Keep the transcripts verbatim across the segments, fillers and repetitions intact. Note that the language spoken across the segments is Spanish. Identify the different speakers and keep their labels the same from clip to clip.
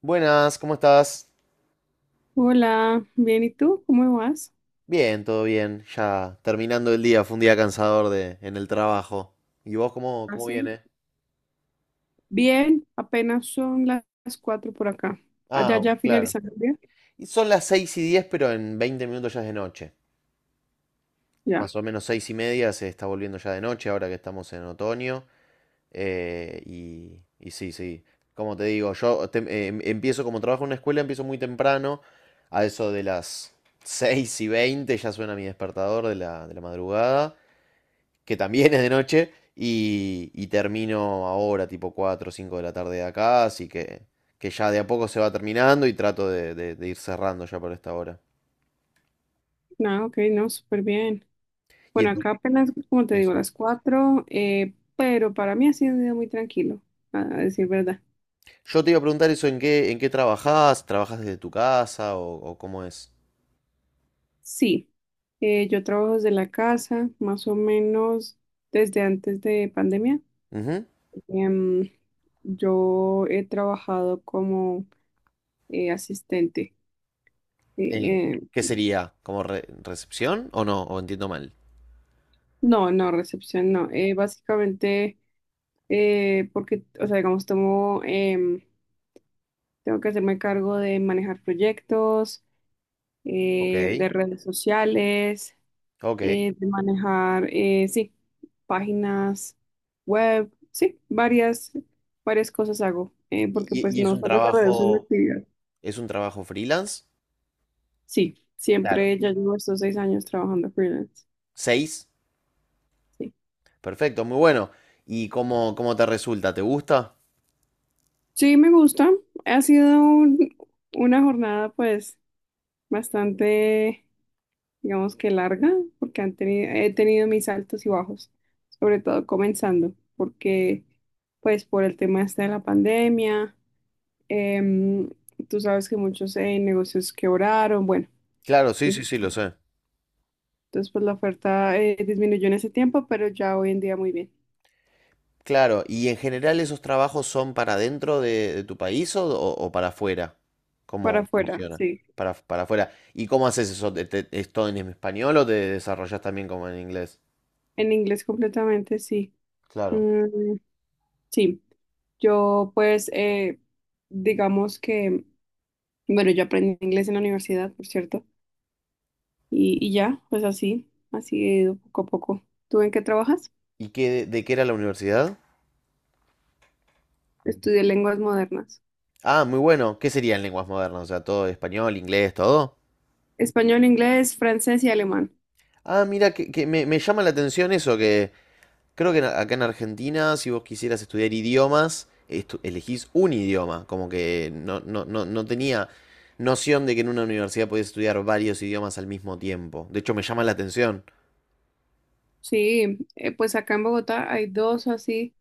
Speaker 1: Buenas, ¿cómo estás?
Speaker 2: Hola, bien, ¿y tú? ¿Cómo vas?
Speaker 1: Bien, todo bien. Ya terminando el día, fue un día cansador de, en el trabajo. ¿Y vos cómo, cómo
Speaker 2: Así.
Speaker 1: viene?
Speaker 2: Bien, apenas son la- las cuatro por acá. Allá
Speaker 1: Ah,
Speaker 2: ya
Speaker 1: claro.
Speaker 2: finalizando el día.
Speaker 1: Y son las seis y diez, pero en veinte minutos ya es de noche.
Speaker 2: Ya,
Speaker 1: Más o menos seis y media se está volviendo ya de noche, ahora que estamos en otoño. Eh, y, y sí, sí. Como te digo, yo tem- em- empiezo como trabajo en una escuela, empiezo muy temprano. A eso de las seis y veinte ya suena mi despertador de la, de la madrugada, que también es de noche, y, y termino ahora, tipo cuatro o cinco de la tarde de acá, así que, que ya de a poco se va terminando y trato de, de- de ir cerrando ya por esta hora.
Speaker 2: nada, ok, no, súper bien.
Speaker 1: Y
Speaker 2: Bueno,
Speaker 1: en tu,
Speaker 2: acá apenas, como te digo,
Speaker 1: Eso.
Speaker 2: las cuatro, eh, pero para mí ha sido un día muy tranquilo, a a decir verdad.
Speaker 1: Yo te iba a preguntar eso, ¿en qué, en qué trabajás? ¿Trabajás desde tu casa o, o cómo es?
Speaker 2: Sí, eh, yo trabajo desde la casa, más o menos desde antes de pandemia.
Speaker 1: Ujú.
Speaker 2: Em, yo he trabajado como eh, asistente. eh,
Speaker 1: Eh,
Speaker 2: em,
Speaker 1: ¿Qué sería? ¿Como re- recepción o no? ¿O entiendo mal?
Speaker 2: No, no, recepción no. Eh, básicamente, eh, porque, o sea, digamos, tomo, em, tengo que hacerme cargo de manejar proyectos, eh,
Speaker 1: Ok.
Speaker 2: de redes sociales,
Speaker 1: Ok.
Speaker 2: eh, de manejar, eh, sí, páginas web, sí, varias, varias cosas hago, eh, porque
Speaker 1: ¿Y,
Speaker 2: pues
Speaker 1: y- y es
Speaker 2: no
Speaker 1: un
Speaker 2: solo se reduce una
Speaker 1: trabajo,
Speaker 2: actividad.
Speaker 1: es un trabajo freelance?
Speaker 2: Sí,
Speaker 1: Claro.
Speaker 2: siempre ya llevo estos seis años trabajando freelance.
Speaker 1: ¿Seis?
Speaker 2: Sí,
Speaker 1: Perfecto, muy bueno. ¿Y cómo, cómo te resulta? ¿Te gusta?
Speaker 2: sí, me gusta. Ha sido un- una jornada, pues. Bastante, digamos que larga, porque han tenido, he tenido mis altos y bajos, sobre todo comenzando, porque pues por el tema este de la pandemia, em, tú sabes que muchos eh, negocios quebraron, bueno,
Speaker 1: Claro, sí, sí, sí, lo sé.
Speaker 2: entonces pues la oferta eh, disminuyó en ese tiempo, pero ya hoy en día muy bien.
Speaker 1: Claro, ¿y en general esos trabajos son para dentro de, de tu país o, o- o para afuera?
Speaker 2: Para
Speaker 1: ¿Cómo
Speaker 2: afuera,
Speaker 1: funciona?
Speaker 2: sí.
Speaker 1: Para, para afuera. ¿Y cómo haces eso? ¿Te- te- ¿Es todo en español o te desarrollas también como en inglés?
Speaker 2: En inglés completamente, sí.
Speaker 1: Claro.
Speaker 2: Mm, sí. Yo pues, eh, digamos que, bueno, yo aprendí inglés en la universidad, por cierto. Y, y ya, pues así, así he ido poco a poco. ¿Tú en qué trabajas?
Speaker 1: ¿Y qué, de, de qué era la universidad?
Speaker 2: Estudié lenguas modernas.
Speaker 1: Ah, muy bueno. ¿Qué serían lenguas modernas? O sea, todo español, inglés, todo.
Speaker 2: Español, inglés, francés y alemán.
Speaker 1: Ah, mira, que, que me, me llama la atención eso, que creo que en- acá en Argentina, si vos quisieras estudiar idiomas, estu- elegís un idioma, como que no, no, no, no tenía noción de que en una universidad podías estudiar varios idiomas al mismo tiempo. De hecho, me llama la atención.
Speaker 2: Sí, eh, pues acá en Bogotá hay dos así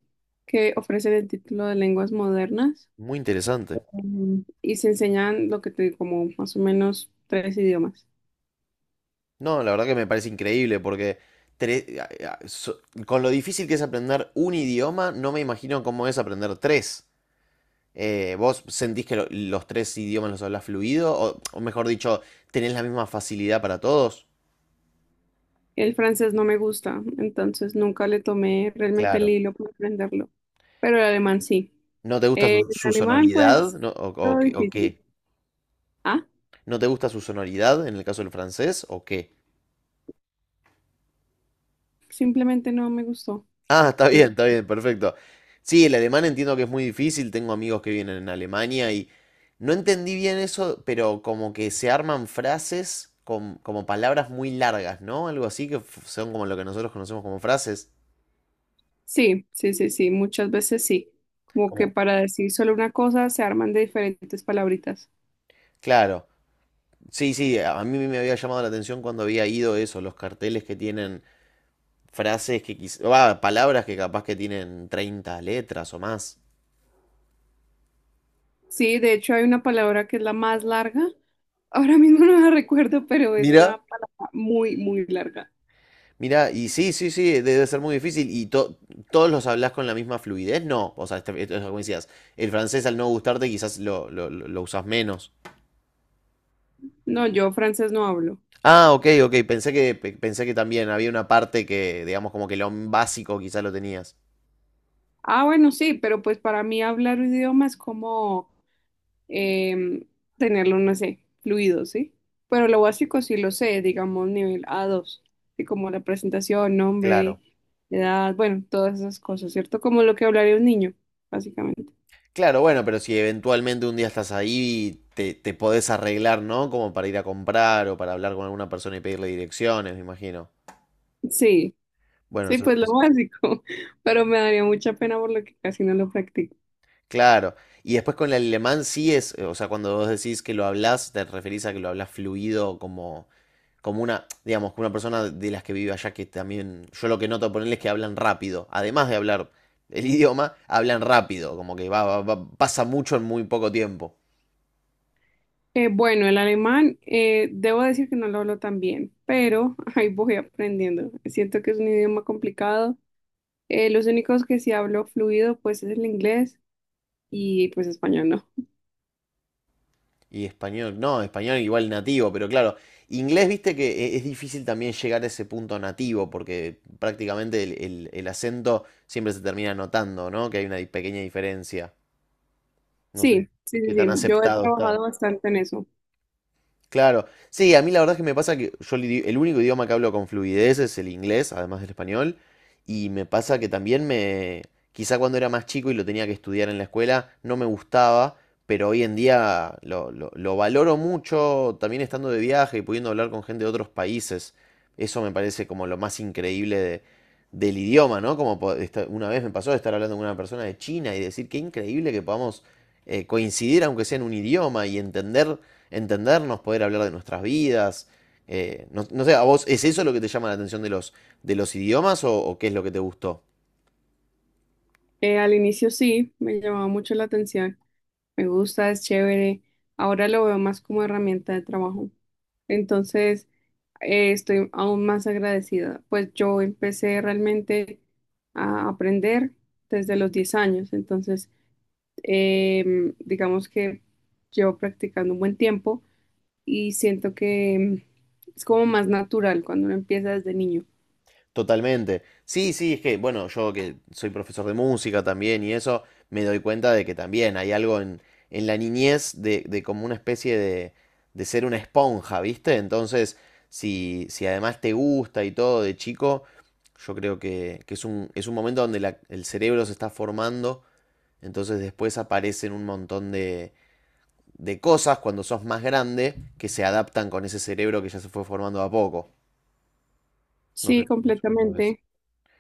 Speaker 2: que ofrecen el título de lenguas modernas
Speaker 1: Muy interesante.
Speaker 2: em, y se enseñan lo que te digo, como más o menos tres idiomas.
Speaker 1: No, la verdad que me parece increíble porque, tre- a- a- so- con lo difícil que es aprender un idioma, no me imagino cómo es aprender tres. Eh, ¿vos sentís que lo- los tres idiomas los hablas fluido? O, o mejor dicho, ¿tenés la misma facilidad para todos?
Speaker 2: El francés no me gusta, entonces nunca le tomé realmente el
Speaker 1: Claro.
Speaker 2: hilo para aprenderlo, pero el alemán sí.
Speaker 1: ¿No te gusta
Speaker 2: Eh,
Speaker 1: su,
Speaker 2: el
Speaker 1: su
Speaker 2: alemán,
Speaker 1: sonoridad?
Speaker 2: pues,
Speaker 1: ¿No? ¿O, o
Speaker 2: todo
Speaker 1: qué? o
Speaker 2: difícil.
Speaker 1: qué?
Speaker 2: Ah,
Speaker 1: ¿No te gusta su sonoridad en el caso del francés? ¿O qué?
Speaker 2: simplemente no me gustó.
Speaker 1: Ah, está
Speaker 2: Sí,
Speaker 1: bien, está bien, perfecto. Sí, el alemán entiendo que es muy difícil. Tengo amigos que vienen en Alemania y no entendí bien eso, pero como que se arman frases con, como palabras muy largas, ¿no? Algo así que f- son como lo que nosotros conocemos como frases.
Speaker 2: sí, sí, sí, sí, muchas veces sí. Como
Speaker 1: Como,
Speaker 2: que para decir solo una cosa se arman de diferentes palabritas.
Speaker 1: claro. Sí, sí, a a mí me había llamado la atención cuando había ido eso, los carteles que tienen frases que quizás palabras que capaz que tienen treinta letras o más.
Speaker 2: Sí, de hecho hay una palabra que es la más larga. Ahora mismo no la recuerdo, pero es
Speaker 1: Mira.
Speaker 2: una palabra muy, muy larga.
Speaker 1: Mira, y sí, sí, sí, debe ser muy difícil. ¿Y to- todos los hablas con la misma fluidez? No. O sea, este- esto es como decías, el francés, al no gustarte, quizás lo, lo, lo- lo usas menos.
Speaker 2: No, yo francés no hablo.
Speaker 1: Ah, ok, ok, pensé que, pe- pensé que también había una parte que, digamos, como que lo básico quizás lo tenías.
Speaker 2: Ah, bueno, sí, pero pues para mí hablar un idioma es como em, tenerlo, no sé, fluido, ¿sí? Pero lo básico sí lo sé, digamos nivel a dos así como la presentación, nombre,
Speaker 1: Claro.
Speaker 2: edad, bueno, todas esas cosas, ¿cierto? Como lo que hablaría un niño, básicamente.
Speaker 1: Claro, bueno, pero si eventualmente un día estás ahí, te, te podés arreglar, ¿no? Como para ir a comprar o para hablar con alguna persona y pedirle direcciones, me imagino.
Speaker 2: Sí,
Speaker 1: Bueno,
Speaker 2: sí,
Speaker 1: eso
Speaker 2: pues lo
Speaker 1: es-
Speaker 2: básico, pero me daría mucha pena por lo que casi no lo practico.
Speaker 1: Claro. Y después con el alemán sí es, eh, o sea, cuando vos decís que lo hablas, te referís a que lo hablas fluido como, como una, digamos, como una persona de las que vive allá que también, yo lo que noto ponerles es que hablan rápido. Además de hablar el idioma, hablan rápido, como que va, va- va- pasa mucho en muy poco tiempo.
Speaker 2: Eh, bueno, el alemán, eh, debo decir que no lo hablo tan bien, pero ahí voy aprendiendo. Siento que es un idioma complicado. Eh, los únicos que sí hablo fluido, pues es el inglés y pues español, ¿no?
Speaker 1: Y español, no, español igual nativo, pero claro, inglés, viste que e- es difícil también llegar a ese punto nativo, porque prácticamente el, el el acento siempre se termina notando, ¿no? Que hay una di- pequeña diferencia. No sé
Speaker 2: Sí, sí, sí,
Speaker 1: qué tan
Speaker 2: sí. Yo he
Speaker 1: aceptado está.
Speaker 2: trabajado bastante en eso.
Speaker 1: Claro. Sí, a mí la verdad es que me pasa que yo el idi- el único idioma que hablo con fluidez es el inglés, además del español. Y me pasa que también me... Quizá cuando era más chico y lo tenía que estudiar en la escuela, no me gustaba, pero hoy en día lo, lo- lo valoro mucho, también estando de viaje y pudiendo hablar con gente de otros países. Eso me parece como lo más increíble de- del idioma, ¿no? Como po- esta- una vez me pasó de estar hablando con una persona de China y decir, qué increíble que podamos, eh, coincidir aunque sea en un idioma y entender, entendernos, poder hablar de nuestras vidas. Eh, no, no sé, ¿a vos es eso lo que te llama la atención de los, de los idiomas o, o qué es lo que te gustó?
Speaker 2: Eh, al inicio sí, me llamaba mucho la atención. Me gusta, es chévere. Ahora lo veo más como herramienta de trabajo. Entonces, eh, estoy aún más agradecida. Pues yo empecé realmente a aprender desde los diez años. Entonces, em, digamos que llevo practicando un buen tiempo y siento que em, es como más natural cuando uno empieza desde niño.
Speaker 1: Totalmente. Sí, sí, es que, bueno, yo que soy profesor de música también y eso, me doy cuenta de que también hay algo en, en la niñez de, de como una especie de, de ser una esponja, ¿viste? Entonces, si, si además te gusta y todo de chico, yo creo que, que es un, es un momento donde la- el cerebro se está formando, entonces después aparecen un montón de, de cosas cuando sos más grande que se adaptan con ese cerebro que ya se fue formando a poco. No
Speaker 2: Sí,
Speaker 1: sé.
Speaker 2: completamente.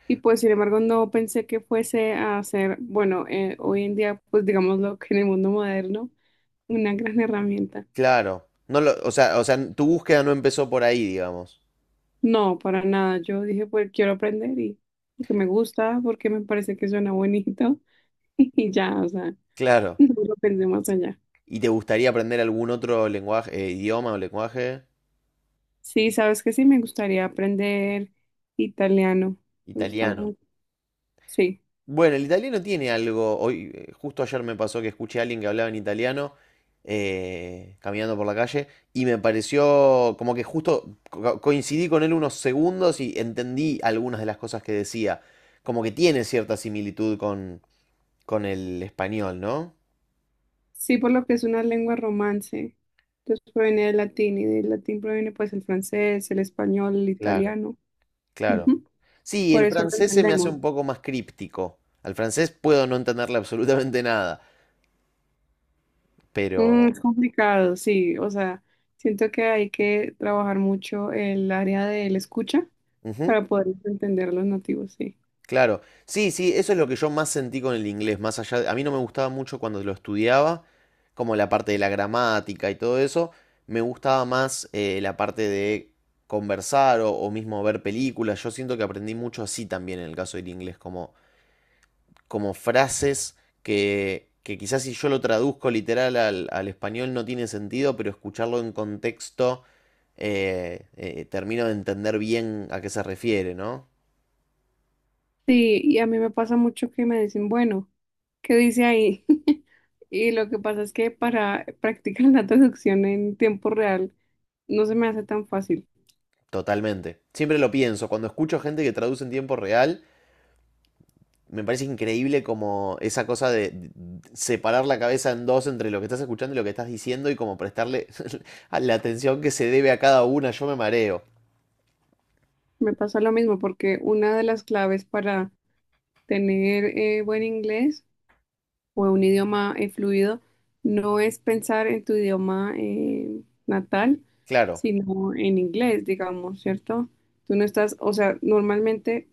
Speaker 2: Y pues, sin embargo, no pensé que fuese a ser, bueno, eh, hoy en día, pues digámoslo que en el mundo moderno, una gran herramienta.
Speaker 1: Claro. No lo, o sea, o sea, tu búsqueda no empezó por ahí, digamos.
Speaker 2: No, para nada. Yo dije, pues quiero aprender y porque me gusta, porque me parece que suena bonito y ya, o sea,
Speaker 1: Claro.
Speaker 2: no lo pensé más allá.
Speaker 1: ¿Y te gustaría aprender algún otro lenguaje, eh, idioma o lenguaje?
Speaker 2: Sí, sabes que sí, me gustaría aprender italiano. Me gusta
Speaker 1: Italiano.
Speaker 2: mucho. Sí,
Speaker 1: Bueno, el italiano tiene algo. Hoy, eh, justo ayer me pasó que escuché a alguien que hablaba en italiano, eh, caminando por la calle, y me pareció como que justo co- coincidí con él unos segundos y entendí algunas de las cosas que decía. Como que tiene cierta similitud con, con el español, ¿no?
Speaker 2: sí, por lo que es una lengua romance. Entonces proviene del latín y del latín proviene pues el francés, el español, el
Speaker 1: Claro.
Speaker 2: italiano.
Speaker 1: Claro.
Speaker 2: Ujú.
Speaker 1: Sí,
Speaker 2: Por
Speaker 1: el
Speaker 2: eso lo
Speaker 1: francés se me hace
Speaker 2: entendemos.
Speaker 1: un poco más críptico. Al francés puedo no entenderle absolutamente nada,
Speaker 2: Mm,
Speaker 1: pero...
Speaker 2: es complicado, sí, o sea, siento que hay que trabajar mucho el área del escucha
Speaker 1: Ujú,
Speaker 2: para poder entender a los nativos, sí.
Speaker 1: claro. Sí, sí, eso es lo que yo más sentí con el inglés, más allá de- a mí no me gustaba mucho cuando lo estudiaba, como la parte de la gramática y todo eso. Me gustaba más, eh, la parte de conversar o, o mismo ver películas. Yo siento que aprendí mucho así también en el caso del inglés, como como frases que, que quizás si yo lo traduzco literal al, al español no tiene sentido, pero escucharlo en contexto, eh, eh, termino de entender bien a qué se refiere, ¿no?
Speaker 2: Sí, y a mí me pasa mucho que me dicen, bueno, ¿qué dice ahí? Y lo que pasa es que para practicar la traducción en tiempo real no se me hace tan fácil.
Speaker 1: Totalmente. Siempre lo pienso, cuando escucho gente que traduce en tiempo real, me parece increíble como esa cosa de separar la cabeza en dos entre lo que estás escuchando y lo que estás diciendo y como prestarle la atención que se debe a cada una, yo me mareo.
Speaker 2: Me pasa lo mismo porque una de las claves para tener eh, buen inglés o de un idioma eh, fluido, no es pensar en tu idioma eh, natal,
Speaker 1: Claro.
Speaker 2: sino en inglés, digamos, ¿cierto? Tú no estás, o sea, normalmente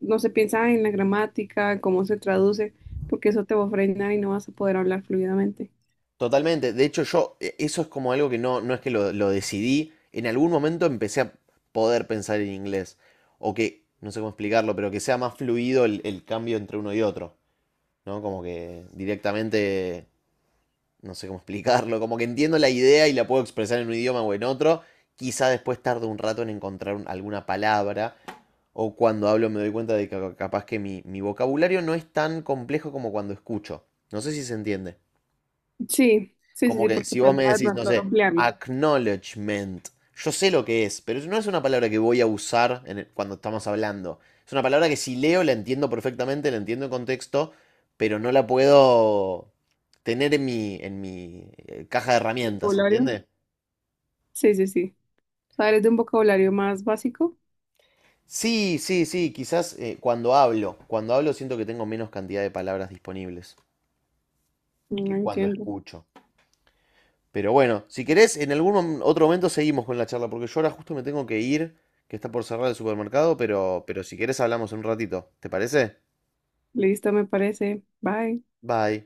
Speaker 2: no se piensa en la gramática, en cómo se traduce, porque eso te va a frenar y no vas a poder hablar fluidamente.
Speaker 1: Totalmente. De hecho, yo, eh, eso es como algo que no, no es que lo, lo decidí. En algún momento empecé a poder pensar en inglés. O que, no sé cómo explicarlo, pero que sea más fluido el, el cambio entre uno y otro. ¿No? Como que directamente, no sé cómo explicarlo. Como que entiendo la idea y la puedo expresar en un idioma o en otro. Quizá después tarde un rato en encontrar un- alguna palabra. O cuando hablo me doy cuenta de que capaz que mi, mi vocabulario no es tan complejo como cuando escucho. No sé si se entiende.
Speaker 2: Sí, sí, sí,
Speaker 1: Como
Speaker 2: sí,
Speaker 1: que
Speaker 2: porque
Speaker 1: si vos
Speaker 2: falta
Speaker 1: me
Speaker 2: de
Speaker 1: decís, no
Speaker 2: pronto
Speaker 1: sé,
Speaker 2: ampliarlo.
Speaker 1: acknowledgement, yo sé lo que es, pero no es una palabra que voy a usar en el- cuando estamos hablando. Es una palabra que si leo la entiendo perfectamente, la entiendo en contexto, pero no la puedo tener en mi, en mi eh, caja de herramientas,
Speaker 2: ¿Vocabulario?
Speaker 1: ¿entiendes?
Speaker 2: Sí, sí, sí. O sea, eres de un vocabulario más básico.
Speaker 1: Sí, sí, sí, quizás, eh, cuando hablo, cuando hablo siento que tengo menos cantidad de palabras disponibles
Speaker 2: No
Speaker 1: que cuando
Speaker 2: entiendo.
Speaker 1: escucho. Pero bueno, si querés, en algún otro momento seguimos con la charla, porque yo ahora justo me tengo que ir, que está por cerrar el supermercado, pero, pero si querés hablamos en un ratito. ¿Te parece?
Speaker 2: Listo, me parece. Bye.
Speaker 1: Bye.